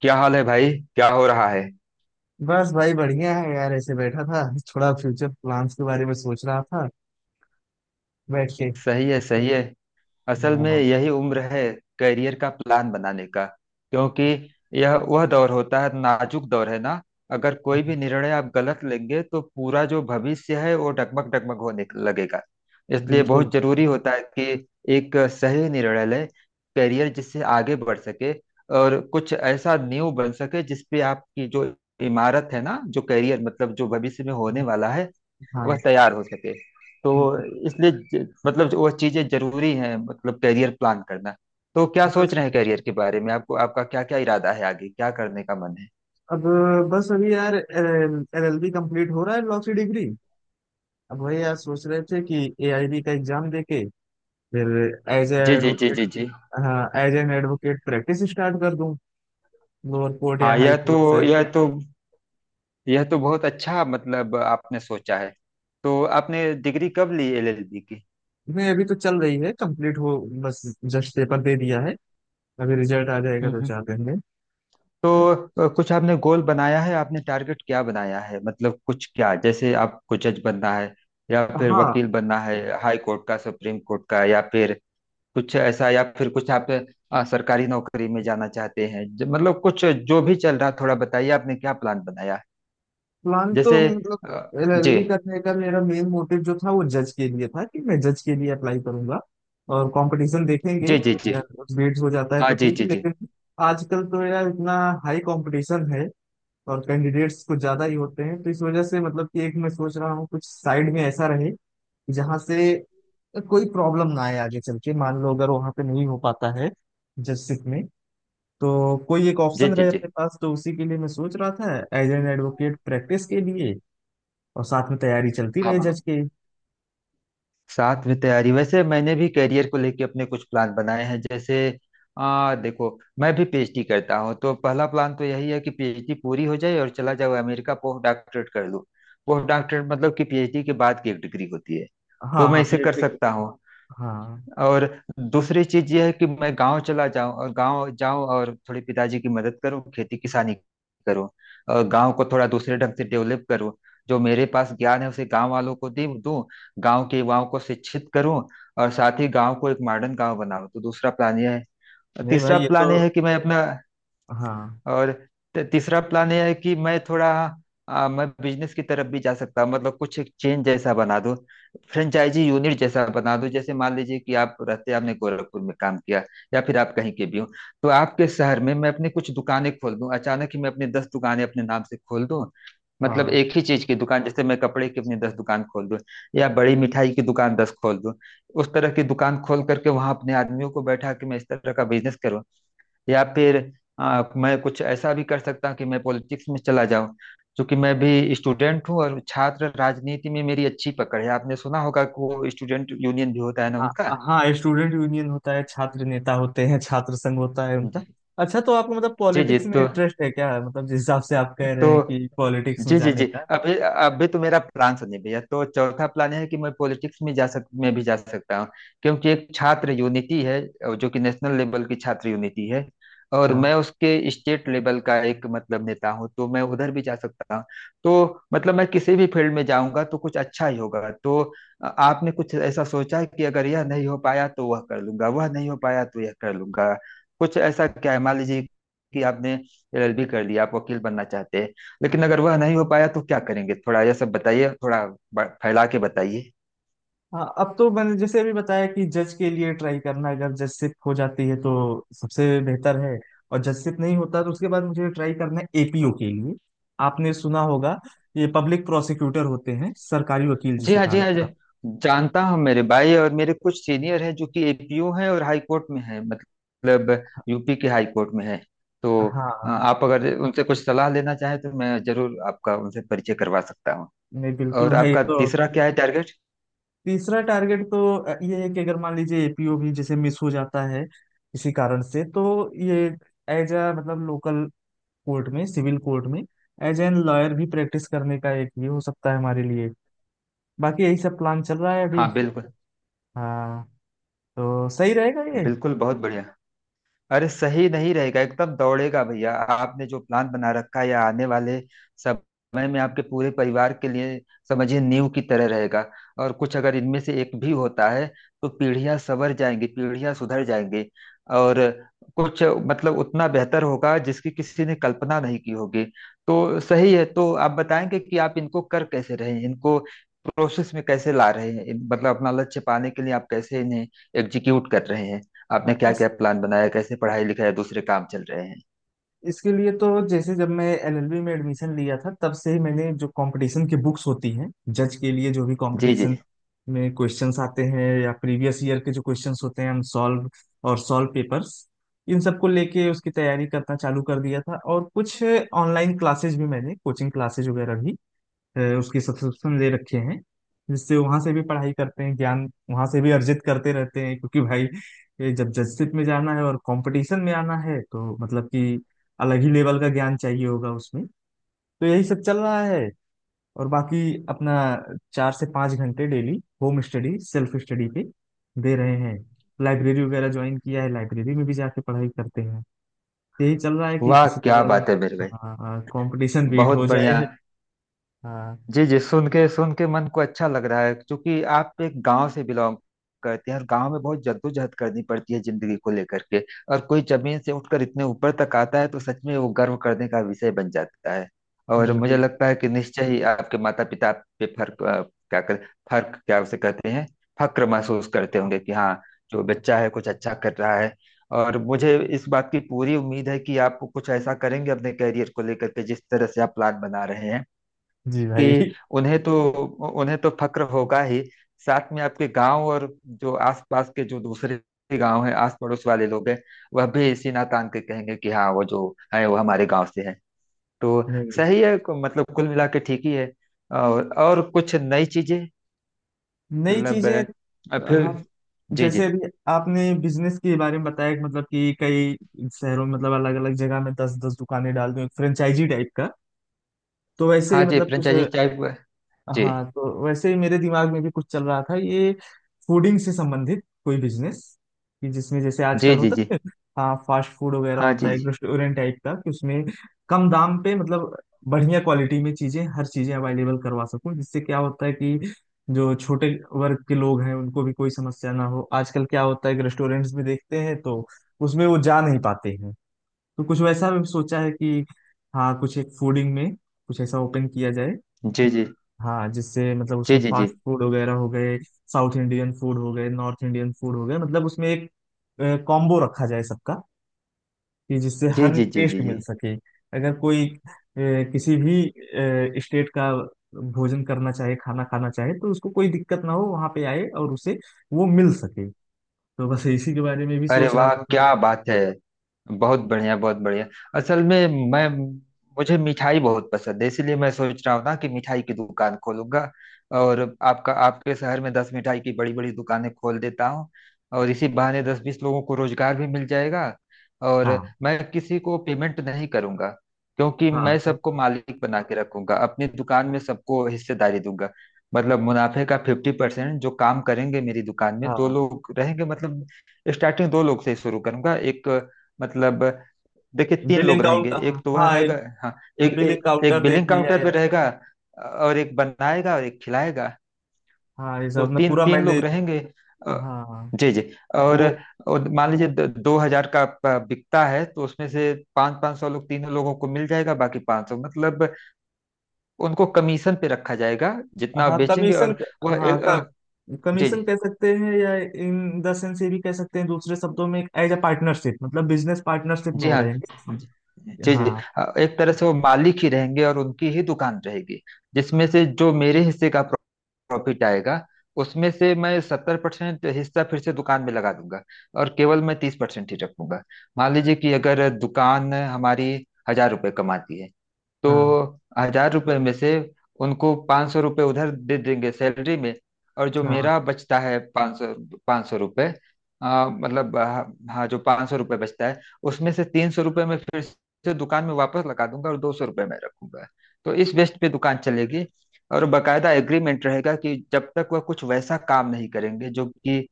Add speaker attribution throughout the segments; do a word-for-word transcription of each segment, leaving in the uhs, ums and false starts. Speaker 1: क्या हाल है भाई। क्या हो रहा है।
Speaker 2: बस भाई बढ़िया है यार। ऐसे बैठा था, थोड़ा फ्यूचर प्लान्स के बारे में सोच रहा था बैठ के।
Speaker 1: सही है सही है। असल में
Speaker 2: हाँ।
Speaker 1: यही उम्र है करियर का प्लान बनाने का, क्योंकि यह वह दौर होता है, नाजुक दौर है ना। अगर कोई भी निर्णय आप गलत लेंगे तो पूरा जो भविष्य है वो डगमग डगमग होने लगेगा। इसलिए
Speaker 2: बिल्कुल।
Speaker 1: बहुत जरूरी होता है कि एक सही निर्णय लें, करियर जिससे आगे बढ़ सके और कुछ ऐसा नींव बन सके जिसपे आपकी जो इमारत है ना जो करियर मतलब जो भविष्य में होने वाला है वह
Speaker 2: हाँ।
Speaker 1: तैयार हो सके। तो इसलिए ज- मतलब जो वह चीजें जरूरी हैं, मतलब करियर प्लान करना। तो क्या सोच
Speaker 2: बस,
Speaker 1: रहे हैं करियर के बारे में, आपको आपका क्या क्या इरादा है, आगे क्या करने का मन है?
Speaker 2: अब, बस अभी यार एलएलबी कंप्लीट हो रहा है, लॉ की डिग्री। अब वही यार सोच रहे थे कि एआईबी का एग्जाम देके फिर एज ए
Speaker 1: जी जी जी
Speaker 2: एडवोकेट।
Speaker 1: जी जी।
Speaker 2: हाँ, as an advocate practice start कर दूं, लोअर कोर्ट या
Speaker 1: हाँ,
Speaker 2: हाई
Speaker 1: यह तो
Speaker 2: कोर्ट से।
Speaker 1: यह तो यह तो बहुत अच्छा मतलब आपने सोचा है। तो आपने डिग्री कब ली एलएलबी की?
Speaker 2: नहीं, अभी तो चल रही है, कंप्लीट हो। बस जस्ट पेपर दे दिया है, अभी रिजल्ट आ जाएगा
Speaker 1: हम्म
Speaker 2: दो
Speaker 1: हम्म।
Speaker 2: चार दिन में।
Speaker 1: तो अ, कुछ आपने गोल बनाया है, आपने टारगेट क्या बनाया है? मतलब कुछ, क्या जैसे आपको जज बनना है या फिर
Speaker 2: हाँ।
Speaker 1: वकील बनना है हाई कोर्ट का सुप्रीम कोर्ट का, या फिर कुछ ऐसा, या फिर कुछ आप अ, सरकारी नौकरी में जाना चाहते हैं? ज- मतलब कुछ जो भी चल रहा, थोड़ा बताइए आपने क्या प्लान बनाया है।
Speaker 2: प्लान तो
Speaker 1: जैसे अ,
Speaker 2: मतलब
Speaker 1: जी
Speaker 2: एलएलबी करने का मेरा मेन मोटिव जो था वो जज के लिए था, कि मैं जज के लिए अप्लाई करूंगा। और कंपटीशन देखेंगे,
Speaker 1: जी जी जी।
Speaker 2: अगर कुछ बिट्स हो जाता है
Speaker 1: हाँ
Speaker 2: तो
Speaker 1: जी
Speaker 2: ठीक है,
Speaker 1: जी जी।
Speaker 2: लेकिन आजकल तो यार इतना हाई कंपटीशन है और कैंडिडेट्स कुछ ज्यादा ही होते हैं। तो इस वजह से मतलब कि एक मैं सोच रहा हूँ कुछ साइड में ऐसा रहे जहाँ से कोई प्रॉब्लम ना आए आगे चल के। मान लो अगर वहां पे नहीं हो पाता है जजशिप में, तो कोई एक
Speaker 1: जी
Speaker 2: ऑप्शन
Speaker 1: जी
Speaker 2: रहे
Speaker 1: जी।
Speaker 2: अपने पास। तो उसी के लिए मैं सोच रहा था एज एन एडवोकेट प्रैक्टिस के लिए, और साथ में तैयारी चलती रहे
Speaker 1: आप
Speaker 2: जज की।
Speaker 1: साथ में तैयारी, वैसे मैंने भी करियर को लेके अपने कुछ प्लान बनाए हैं। जैसे आ, देखो, मैं भी पीएचडी करता हूँ, तो पहला प्लान तो यही है कि पीएचडी पूरी हो जाए और चला जाओ अमेरिका, पोस्ट डॉक्टरेट कर लूँ। पोस्ट डॉक्टरेट मतलब कि पीएचडी के बाद की एक डिग्री होती है। तो
Speaker 2: हाँ
Speaker 1: मैं
Speaker 2: हाँ
Speaker 1: इसे कर
Speaker 2: पीएचडी।
Speaker 1: सकता हूँ।
Speaker 2: हाँ।
Speaker 1: और दूसरी चीज ये है कि मैं गांव चला जाऊं, और गांव जाऊं और थोड़ी पिताजी की मदद करूं, खेती किसानी करूं। और गांव को थोड़ा दूसरे ढंग से डेवलप करूं। जो मेरे पास ज्ञान है उसे गांव वालों को दे दूं, गांव के युवाओं को शिक्षित करूं, और साथ ही गांव को एक मॉडर्न गांव बनाऊं। तो दूसरा प्लान यह है। और
Speaker 2: नहीं भाई
Speaker 1: तीसरा
Speaker 2: ये तो।
Speaker 1: प्लान यह है कि मैं अपना,
Speaker 2: हाँ।
Speaker 1: और त- तीसरा प्लान यह है कि मैं थोड़ा आ, मैं बिजनेस की तरफ भी जा सकता हूँ, मतलब कुछ एक चेन जैसा बना दूं, फ्रेंचाइजी यूनिट जैसा बना दूं। जैसे मान लीजिए कि आप रहते, आपने गोरखपुर में काम किया या फिर आप कहीं के भी हो, तो आपके शहर में मैं अपनी कुछ दुकानें खोल दूं, अचानक ही मैं अपनी दस दुकानें अपने नाम से खोल दूं। मतलब
Speaker 2: हाँ
Speaker 1: एक ही चीज की दुकान, जैसे मैं कपड़े की अपनी दस दुकान खोल दूं या बड़ी मिठाई की दुकान दस खोल दूं। उस तरह की दुकान खोल करके वहां अपने आदमियों को बैठा के मैं इस तरह का बिजनेस करूं। या फिर आ, मैं कुछ ऐसा भी कर सकता हूँ कि मैं पॉलिटिक्स में चला जाऊं, क्योंकि मैं भी स्टूडेंट हूँ और छात्र राजनीति में मेरी अच्छी पकड़ है। आपने सुना होगा कि वो स्टूडेंट यूनियन भी होता है ना
Speaker 2: हाँ
Speaker 1: उनका।
Speaker 2: हाँ स्टूडेंट यूनियन होता है, छात्र नेता होते हैं, छात्र संघ होता है
Speaker 1: जी
Speaker 2: उनका। अच्छा, तो आपको मतलब
Speaker 1: जी जी,
Speaker 2: पॉलिटिक्स में
Speaker 1: तो
Speaker 2: इंटरेस्ट है क्या? मतलब जिस हिसाब से आप कह
Speaker 1: तो
Speaker 2: रहे हैं कि पॉलिटिक्स में
Speaker 1: जी जी
Speaker 2: जाने
Speaker 1: जी।
Speaker 2: का।
Speaker 1: अभी अभी तो मेरा प्लान सुनिए भैया। तो चौथा प्लान है कि मैं पॉलिटिक्स में जा सक में भी जा सकता हूँ, क्योंकि एक छात्र यूनिटी है जो कि नेशनल लेवल की छात्र यूनिटी है, और
Speaker 2: हाँ।
Speaker 1: मैं उसके स्टेट लेवल का एक मतलब नेता हूँ, तो मैं उधर भी जा सकता हूँ। तो मतलब मैं किसी भी फील्ड में जाऊंगा तो कुछ अच्छा ही होगा। तो अ, आपने कुछ ऐसा सोचा है कि अगर यह नहीं हो पाया तो वह कर लूंगा, वह नहीं हो पाया तो यह कर लूंगा? कुछ ऐसा क्या है? मान लीजिए कि आपने एलएलबी कर लिया, आप वकील बनना चाहते हैं, लेकिन अगर वह नहीं हो पाया तो क्या करेंगे? थोड़ा यह सब बताइए, थोड़ा ब- फैला के बताइए।
Speaker 2: हाँ, अब तो मैंने जैसे अभी बताया कि जज के लिए ट्राई करना, अगर जजशिप हो जाती है तो सबसे बेहतर है। और जजशिप नहीं होता तो उसके बाद मुझे ट्राई करना है एपीओ के लिए। आपने सुना होगा, ये पब्लिक प्रोसिक्यूटर होते हैं, सरकारी वकील
Speaker 1: जी
Speaker 2: जिसे
Speaker 1: हाँ
Speaker 2: कहा
Speaker 1: जी हाँ जी।
Speaker 2: जाता
Speaker 1: जानता हूँ मेरे भाई। और मेरे कुछ सीनियर हैं जो कि एपीओ हैं और हाई कोर्ट में हैं, मतलब यूपी के हाई कोर्ट में हैं।
Speaker 2: है।
Speaker 1: तो
Speaker 2: हाँ।
Speaker 1: अ, आप अगर उनसे कुछ सलाह लेना चाहें तो मैं जरूर आपका उनसे परिचय करवा सकता हूँ।
Speaker 2: नहीं बिल्कुल
Speaker 1: और
Speaker 2: भाई ये
Speaker 1: आपका
Speaker 2: तो।
Speaker 1: तीसरा क्या है टारगेट?
Speaker 2: तीसरा टारगेट तो अ, ये है कि अगर मान लीजिए एपीओ भी जैसे मिस हो जाता है किसी कारण से, तो ये एज अ मतलब लोकल कोर्ट में, सिविल कोर्ट में, एज एन लॉयर भी प्रैक्टिस करने का एक ये हो सकता है हमारे लिए। बाकी यही सब प्लान चल रहा है अभी।
Speaker 1: हाँ बिल्कुल।
Speaker 2: हाँ। तो सही रहेगा ये।
Speaker 1: बिल्कुल, बहुत बढ़िया। अरे, सही नहीं रहेगा, एकदम दौड़ेगा भैया। आपने जो प्लान बना रखा है या आने वाले समय में आपके पूरे परिवार के लिए, समझिए, नींव की तरह रहेगा। और कुछ अगर इनमें से एक भी होता है तो पीढ़ियां संवर जाएंगी, पीढ़ियां सुधर जाएंगी, और कुछ मतलब उतना बेहतर होगा जिसकी किसी ने कल्पना नहीं की होगी। तो सही है। तो आप बताएंगे कि आप इनको कर कैसे रहे हैं, इनको प्रोसेस में कैसे ला रहे हैं? इन- मतलब अपना लक्ष्य पाने के लिए आप कैसे इन्हें एग्जीक्यूट कर रहे हैं?
Speaker 2: हाँ,
Speaker 1: आपने क्या
Speaker 2: इस
Speaker 1: क्या प्लान बनाया, कैसे पढ़ाई लिखाई दूसरे काम चल रहे हैं?
Speaker 2: इसके लिए तो जैसे जब मैं एलएलबी में एडमिशन लिया था तब से ही मैंने जो कंपटीशन की बुक्स होती हैं जज के लिए, जो भी
Speaker 1: जी जी।
Speaker 2: कंपटीशन में क्वेश्चंस आते हैं या प्रीवियस ईयर के जो क्वेश्चंस होते हैं, हम सॉल्व और सॉल्व पेपर्स, इन सबको लेके उसकी तैयारी करना चालू कर दिया था। और कुछ ऑनलाइन क्लासेज भी मैंने, कोचिंग क्लासेज वगैरह भी अ, उसके सब्सक्रिप्शन ले रखे हैं, जिससे वहां से भी पढ़ाई करते हैं, ज्ञान वहां से भी अर्जित करते रहते हैं। क्योंकि भाई ये जब जजशिप में जाना है और कंपटीशन में आना है तो मतलब कि अलग ही लेवल का ज्ञान चाहिए होगा उसमें। तो यही सब चल रहा है। और बाकी अपना चार से पाँच घंटे daily home study, self study पे दे रहे हैं। लाइब्रेरी वगैरह ज्वाइन किया है, लाइब्रेरी में भी जाके पढ़ाई करते हैं। यही चल रहा है कि
Speaker 1: वाह
Speaker 2: किसी
Speaker 1: क्या
Speaker 2: तरह
Speaker 1: बात है मेरे भाई।
Speaker 2: हाँ, कंपटीशन बीट
Speaker 1: बहुत
Speaker 2: हो
Speaker 1: बढ़िया।
Speaker 2: जाए। हाँ
Speaker 1: जी जी, सुन के सुन के मन को अच्छा लग रहा है, क्योंकि आप एक गांव से बिलोंग करते हैं और गांव में बहुत जद्दोजहद करनी पड़ती है जिंदगी को लेकर के। और कोई जमीन से उठकर इतने ऊपर तक आता है तो सच में वो गर्व करने का विषय बन जाता है। और मुझे
Speaker 2: बिल्कुल।
Speaker 1: लगता है कि निश्चय ही आपके माता पिता पे फर्क अ, क्या कर फर्क क्या उसे कहते हैं फक्र महसूस करते होंगे कि हाँ, जो बच्चा है कुछ अच्छा कर रहा है। और मुझे इस बात की पूरी उम्मीद है कि आप कुछ ऐसा करेंगे अपने करियर को लेकर के, जिस तरह से आप प्लान बना रहे हैं
Speaker 2: जी भाई।
Speaker 1: कि उन्हें तो उन्हें तो फक्र होगा ही, साथ में आपके गांव और जो आसपास के जो दूसरे गांव हैं आस पड़ोस वाले लोग हैं वह भी इसी नातान के कहेंगे कि हाँ, वो जो है वो हमारे गांव से है। तो
Speaker 2: नहीं।
Speaker 1: सही है, मतलब कुल मिला के ठीक ही है। और और कुछ नई चीजें
Speaker 2: नई
Speaker 1: मतलब
Speaker 2: चीजें।
Speaker 1: अ, फिर।
Speaker 2: आप
Speaker 1: जी जी।
Speaker 2: जैसे अभी आपने बिजनेस के बारे में बताया कि मतलब कि कई शहरों में, मतलब अलग अलग जगह में दस दस दुकानें डाल दूं एक फ्रेंचाइजी टाइप का, तो वैसे
Speaker 1: हाँ
Speaker 2: ही
Speaker 1: जी
Speaker 2: मतलब कुछ।
Speaker 1: फ्रेंचाइजी चाय। जी।
Speaker 2: हाँ, तो वैसे ही मेरे दिमाग में भी कुछ चल रहा था, ये फूडिंग से संबंधित कोई बिजनेस, कि जिसमें जैसे
Speaker 1: जी
Speaker 2: आजकल
Speaker 1: जी
Speaker 2: होता
Speaker 1: जी।
Speaker 2: है, हाँ, फास्ट फूड वगैरह
Speaker 1: हाँ
Speaker 2: होता है,
Speaker 1: जी।
Speaker 2: एक रेस्टोरेंट टाइप का, कि उसमें कम दाम पे मतलब बढ़िया क्वालिटी में चीजें, हर चीजें अवेलेबल करवा सकूं। जिससे क्या होता है कि जो छोटे वर्ग के लोग हैं उनको भी कोई समस्या ना हो। आजकल क्या होता है कि रेस्टोरेंट्स में देखते हैं तो उसमें वो जा नहीं पाते हैं। तो कुछ वैसा भी सोचा है कि हाँ, कुछ एक फूडिंग में कुछ ऐसा ओपन किया जाए,
Speaker 1: जी जी।
Speaker 2: हाँ, जिससे मतलब
Speaker 1: जी
Speaker 2: उसमें
Speaker 1: जी जी जी
Speaker 2: फास्ट फूड वगैरह हो गए, साउथ इंडियन फूड हो गए, नॉर्थ इंडियन फूड हो गए, मतलब उसमें एक कॉम्बो रखा जाए सबका, कि जिससे
Speaker 1: जी
Speaker 2: हर
Speaker 1: जी जी जी
Speaker 2: टेस्ट
Speaker 1: जी
Speaker 2: मिल
Speaker 1: जी।
Speaker 2: सके। अगर कोई अ, किसी भी स्टेट का भोजन करना चाहे, खाना खाना चाहे, तो उसको कोई दिक्कत ना हो, वहाँ पे आए और उसे वो मिल सके। तो बस इसी के बारे में भी
Speaker 1: अरे
Speaker 2: सोच रहा
Speaker 1: वाह
Speaker 2: था थोड़ा।
Speaker 1: क्या बात है। बहुत बढ़िया, बहुत बढ़िया। असल में मैं, मुझे मिठाई बहुत पसंद है, इसीलिए मैं सोच रहा हूँ ना कि मिठाई की दुकान खोलूंगा। और आपका, आपके शहर में दस मिठाई की बड़ी बड़ी दुकानें खोल देता हूँ, और इसी बहाने दस बीस लोगों को रोजगार भी मिल जाएगा। और
Speaker 2: हाँ
Speaker 1: मैं किसी को पेमेंट नहीं करूंगा, क्योंकि मैं
Speaker 2: हाँ
Speaker 1: सबको मालिक बना के रखूंगा, अपनी दुकान में सबको हिस्सेदारी दूंगा। मतलब मुनाफे का फिफ्टी परसेंट, जो काम करेंगे मेरी दुकान में। दो
Speaker 2: हाँ।
Speaker 1: लोग रहेंगे, मतलब स्टार्टिंग दो लोग से ही शुरू करूंगा। एक मतलब देखिए तीन
Speaker 2: बिलिंग
Speaker 1: लोग रहेंगे।
Speaker 2: काउंटर।
Speaker 1: एक तो वह
Speaker 2: हाँ।
Speaker 1: रहेगा। हाँ, एक
Speaker 2: बिलिंग
Speaker 1: एक, एक
Speaker 2: काउंटर देख
Speaker 1: बिलिंग
Speaker 2: लिया
Speaker 1: काउंटर
Speaker 2: है।
Speaker 1: पे रहेगा, और एक बनाएगा और एक खिलाएगा।
Speaker 2: हाँ ये
Speaker 1: तो
Speaker 2: सब ना
Speaker 1: तीन
Speaker 2: पूरा
Speaker 1: तीन
Speaker 2: मैंने।
Speaker 1: लोग रहेंगे। अ,
Speaker 2: हाँ
Speaker 1: जी जी। और,
Speaker 2: वो
Speaker 1: और मान लीजिए द- दो हजार का प- बिकता है, तो उसमें से पाँच पाँच सौ लोग, तीनों लोगों को मिल जाएगा, बाकी पाँच सौ मतलब उनको कमीशन पे रखा जाएगा। जितना आप
Speaker 2: हाँ
Speaker 1: बेचेंगे।
Speaker 2: कमीशन,
Speaker 1: और वह
Speaker 2: हाँ
Speaker 1: एक,
Speaker 2: का
Speaker 1: अ, जी
Speaker 2: कमीशन
Speaker 1: जी
Speaker 2: कह सकते हैं, या इन द सेंस ये भी कह सकते हैं, दूसरे शब्दों में एज अ पार्टनरशिप, मतलब बिजनेस पार्टनरशिप में
Speaker 1: जी
Speaker 2: हो
Speaker 1: हाँ जी
Speaker 2: रहेंगे।
Speaker 1: जी जी,
Speaker 2: हाँ
Speaker 1: अ, एक तरह से वो मालिक ही रहेंगे और उनकी ही दुकान रहेगी, जिसमें से जो मेरे हिस्से का प्रॉफिट आएगा उसमें से मैं सत्तर परसेंट हिस्सा फिर से दुकान में लगा दूंगा और केवल मैं तीस परसेंट ही रखूंगा। मान लीजिए कि अगर दुकान हमारी हजार रुपये कमाती है,
Speaker 2: हाँ
Speaker 1: तो हजार रुपये में से उनको पाँच सौ रुपये उधर दे देंगे सैलरी में, और जो
Speaker 2: हाँ।
Speaker 1: मेरा बचता है पाँच सौ, पाँच सौ रुपये आ, मतलब आ, हाँ, जो पाँच सौ रुपये बचता है उसमें से तीन सौ रुपये मैं फिर से दुकान में वापस लगा दूंगा और दो सौ रुपये मैं रखूंगा। तो इस बेस पे दुकान चलेगी। और बकायदा एग्रीमेंट रहेगा कि जब तक वह कुछ वैसा काम नहीं करेंगे जो कि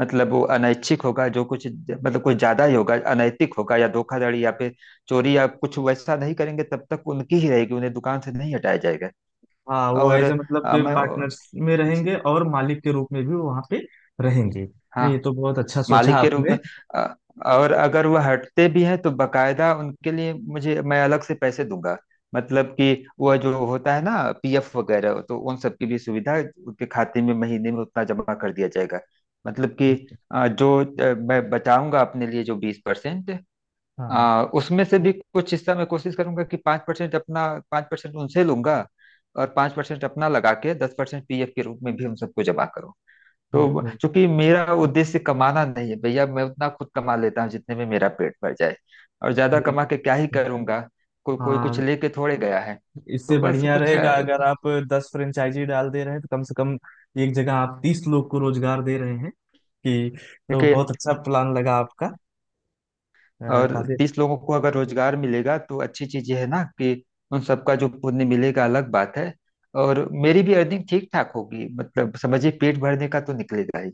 Speaker 1: मतलब वो अनैच्छिक होगा, जो कुछ मतलब कुछ ज्यादा ही होगा, अनैतिक होगा या धोखाधड़ी या फिर चोरी या कुछ वैसा, नहीं करेंगे तब तक उनकी ही रहेगी, उन्हें दुकान से नहीं हटाया जाएगा।
Speaker 2: हाँ वो
Speaker 1: और
Speaker 2: एज अ मतलब
Speaker 1: अ,
Speaker 2: के
Speaker 1: मैं,
Speaker 2: पार्टनर्स में रहेंगे और मालिक के रूप में भी वहाँ पे रहेंगे।
Speaker 1: हाँ,
Speaker 2: नहीं ये तो बहुत अच्छा सोचा
Speaker 1: मालिक के रूप
Speaker 2: आपने।
Speaker 1: में। अ, और अगर वह हटते भी हैं तो बकायदा उनके लिए मुझे, मैं अलग से पैसे दूंगा, मतलब कि वह जो होता है ना पीएफ वगैरह, तो उन सब की भी सुविधा उनके खाते में महीने में उतना जमा कर दिया जाएगा। मतलब कि अ, जो अ, मैं बचाऊंगा अपने लिए जो बीस परसेंट,
Speaker 2: हाँ।
Speaker 1: आ, उसमें से भी कुछ हिस्सा मैं कोशिश करूंगा कि पांच परसेंट अपना, पांच परसेंट उनसे लूंगा और पांच परसेंट अपना लगा के दस परसेंट पीएफ के रूप में भी उन सबको जमा करूँ।
Speaker 2: हम्म।
Speaker 1: तो
Speaker 2: हम्म।
Speaker 1: चूंकि मेरा उद्देश्य कमाना नहीं है भैया, मैं उतना खुद कमा लेता हूँ जितने में मेरा पेट भर जाए। और ज्यादा कमा
Speaker 2: बिल्कुल।
Speaker 1: के क्या ही
Speaker 2: हम्म।
Speaker 1: करूंगा? को, कोई कुछ
Speaker 2: हाँ,
Speaker 1: लेके थोड़े गया है।
Speaker 2: इससे
Speaker 1: तो बस
Speaker 2: बढ़िया
Speaker 1: कुछ
Speaker 2: रहेगा,
Speaker 1: अ,
Speaker 2: अगर आप दस फ्रेंचाइजी डाल दे रहे हैं तो कम से कम एक जगह आप तीस लोग को रोजगार दे रहे हैं कि। तो
Speaker 1: देखिए,
Speaker 2: बहुत अच्छा प्लान लगा आपका। अ,
Speaker 1: और
Speaker 2: काफी।
Speaker 1: तीस लोगों को अगर रोजगार मिलेगा तो अच्छी चीज ये है ना कि उन सबका जो पुण्य मिलेगा अलग बात है, और मेरी भी अर्निंग ठीक ठाक होगी, मतलब समझिए पेट भरने का तो निकलेगा ही।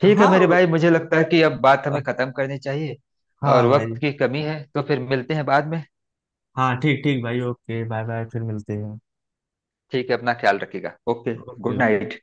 Speaker 1: ठीक है
Speaker 2: हाँ
Speaker 1: मेरे भाई,
Speaker 2: वो-
Speaker 1: मुझे लगता है कि अब बात हमें खत्म करनी चाहिए,
Speaker 2: हाँ
Speaker 1: और वक्त
Speaker 2: भाई।
Speaker 1: की कमी है, तो फिर मिलते हैं बाद में।
Speaker 2: हाँ ठीक ठीक भाई, ओके, बाय बाय, फिर मिलते हैं।
Speaker 1: ठीक है, अपना ख्याल रखिएगा। Okay,
Speaker 2: okay
Speaker 1: good
Speaker 2: okay.
Speaker 1: Night.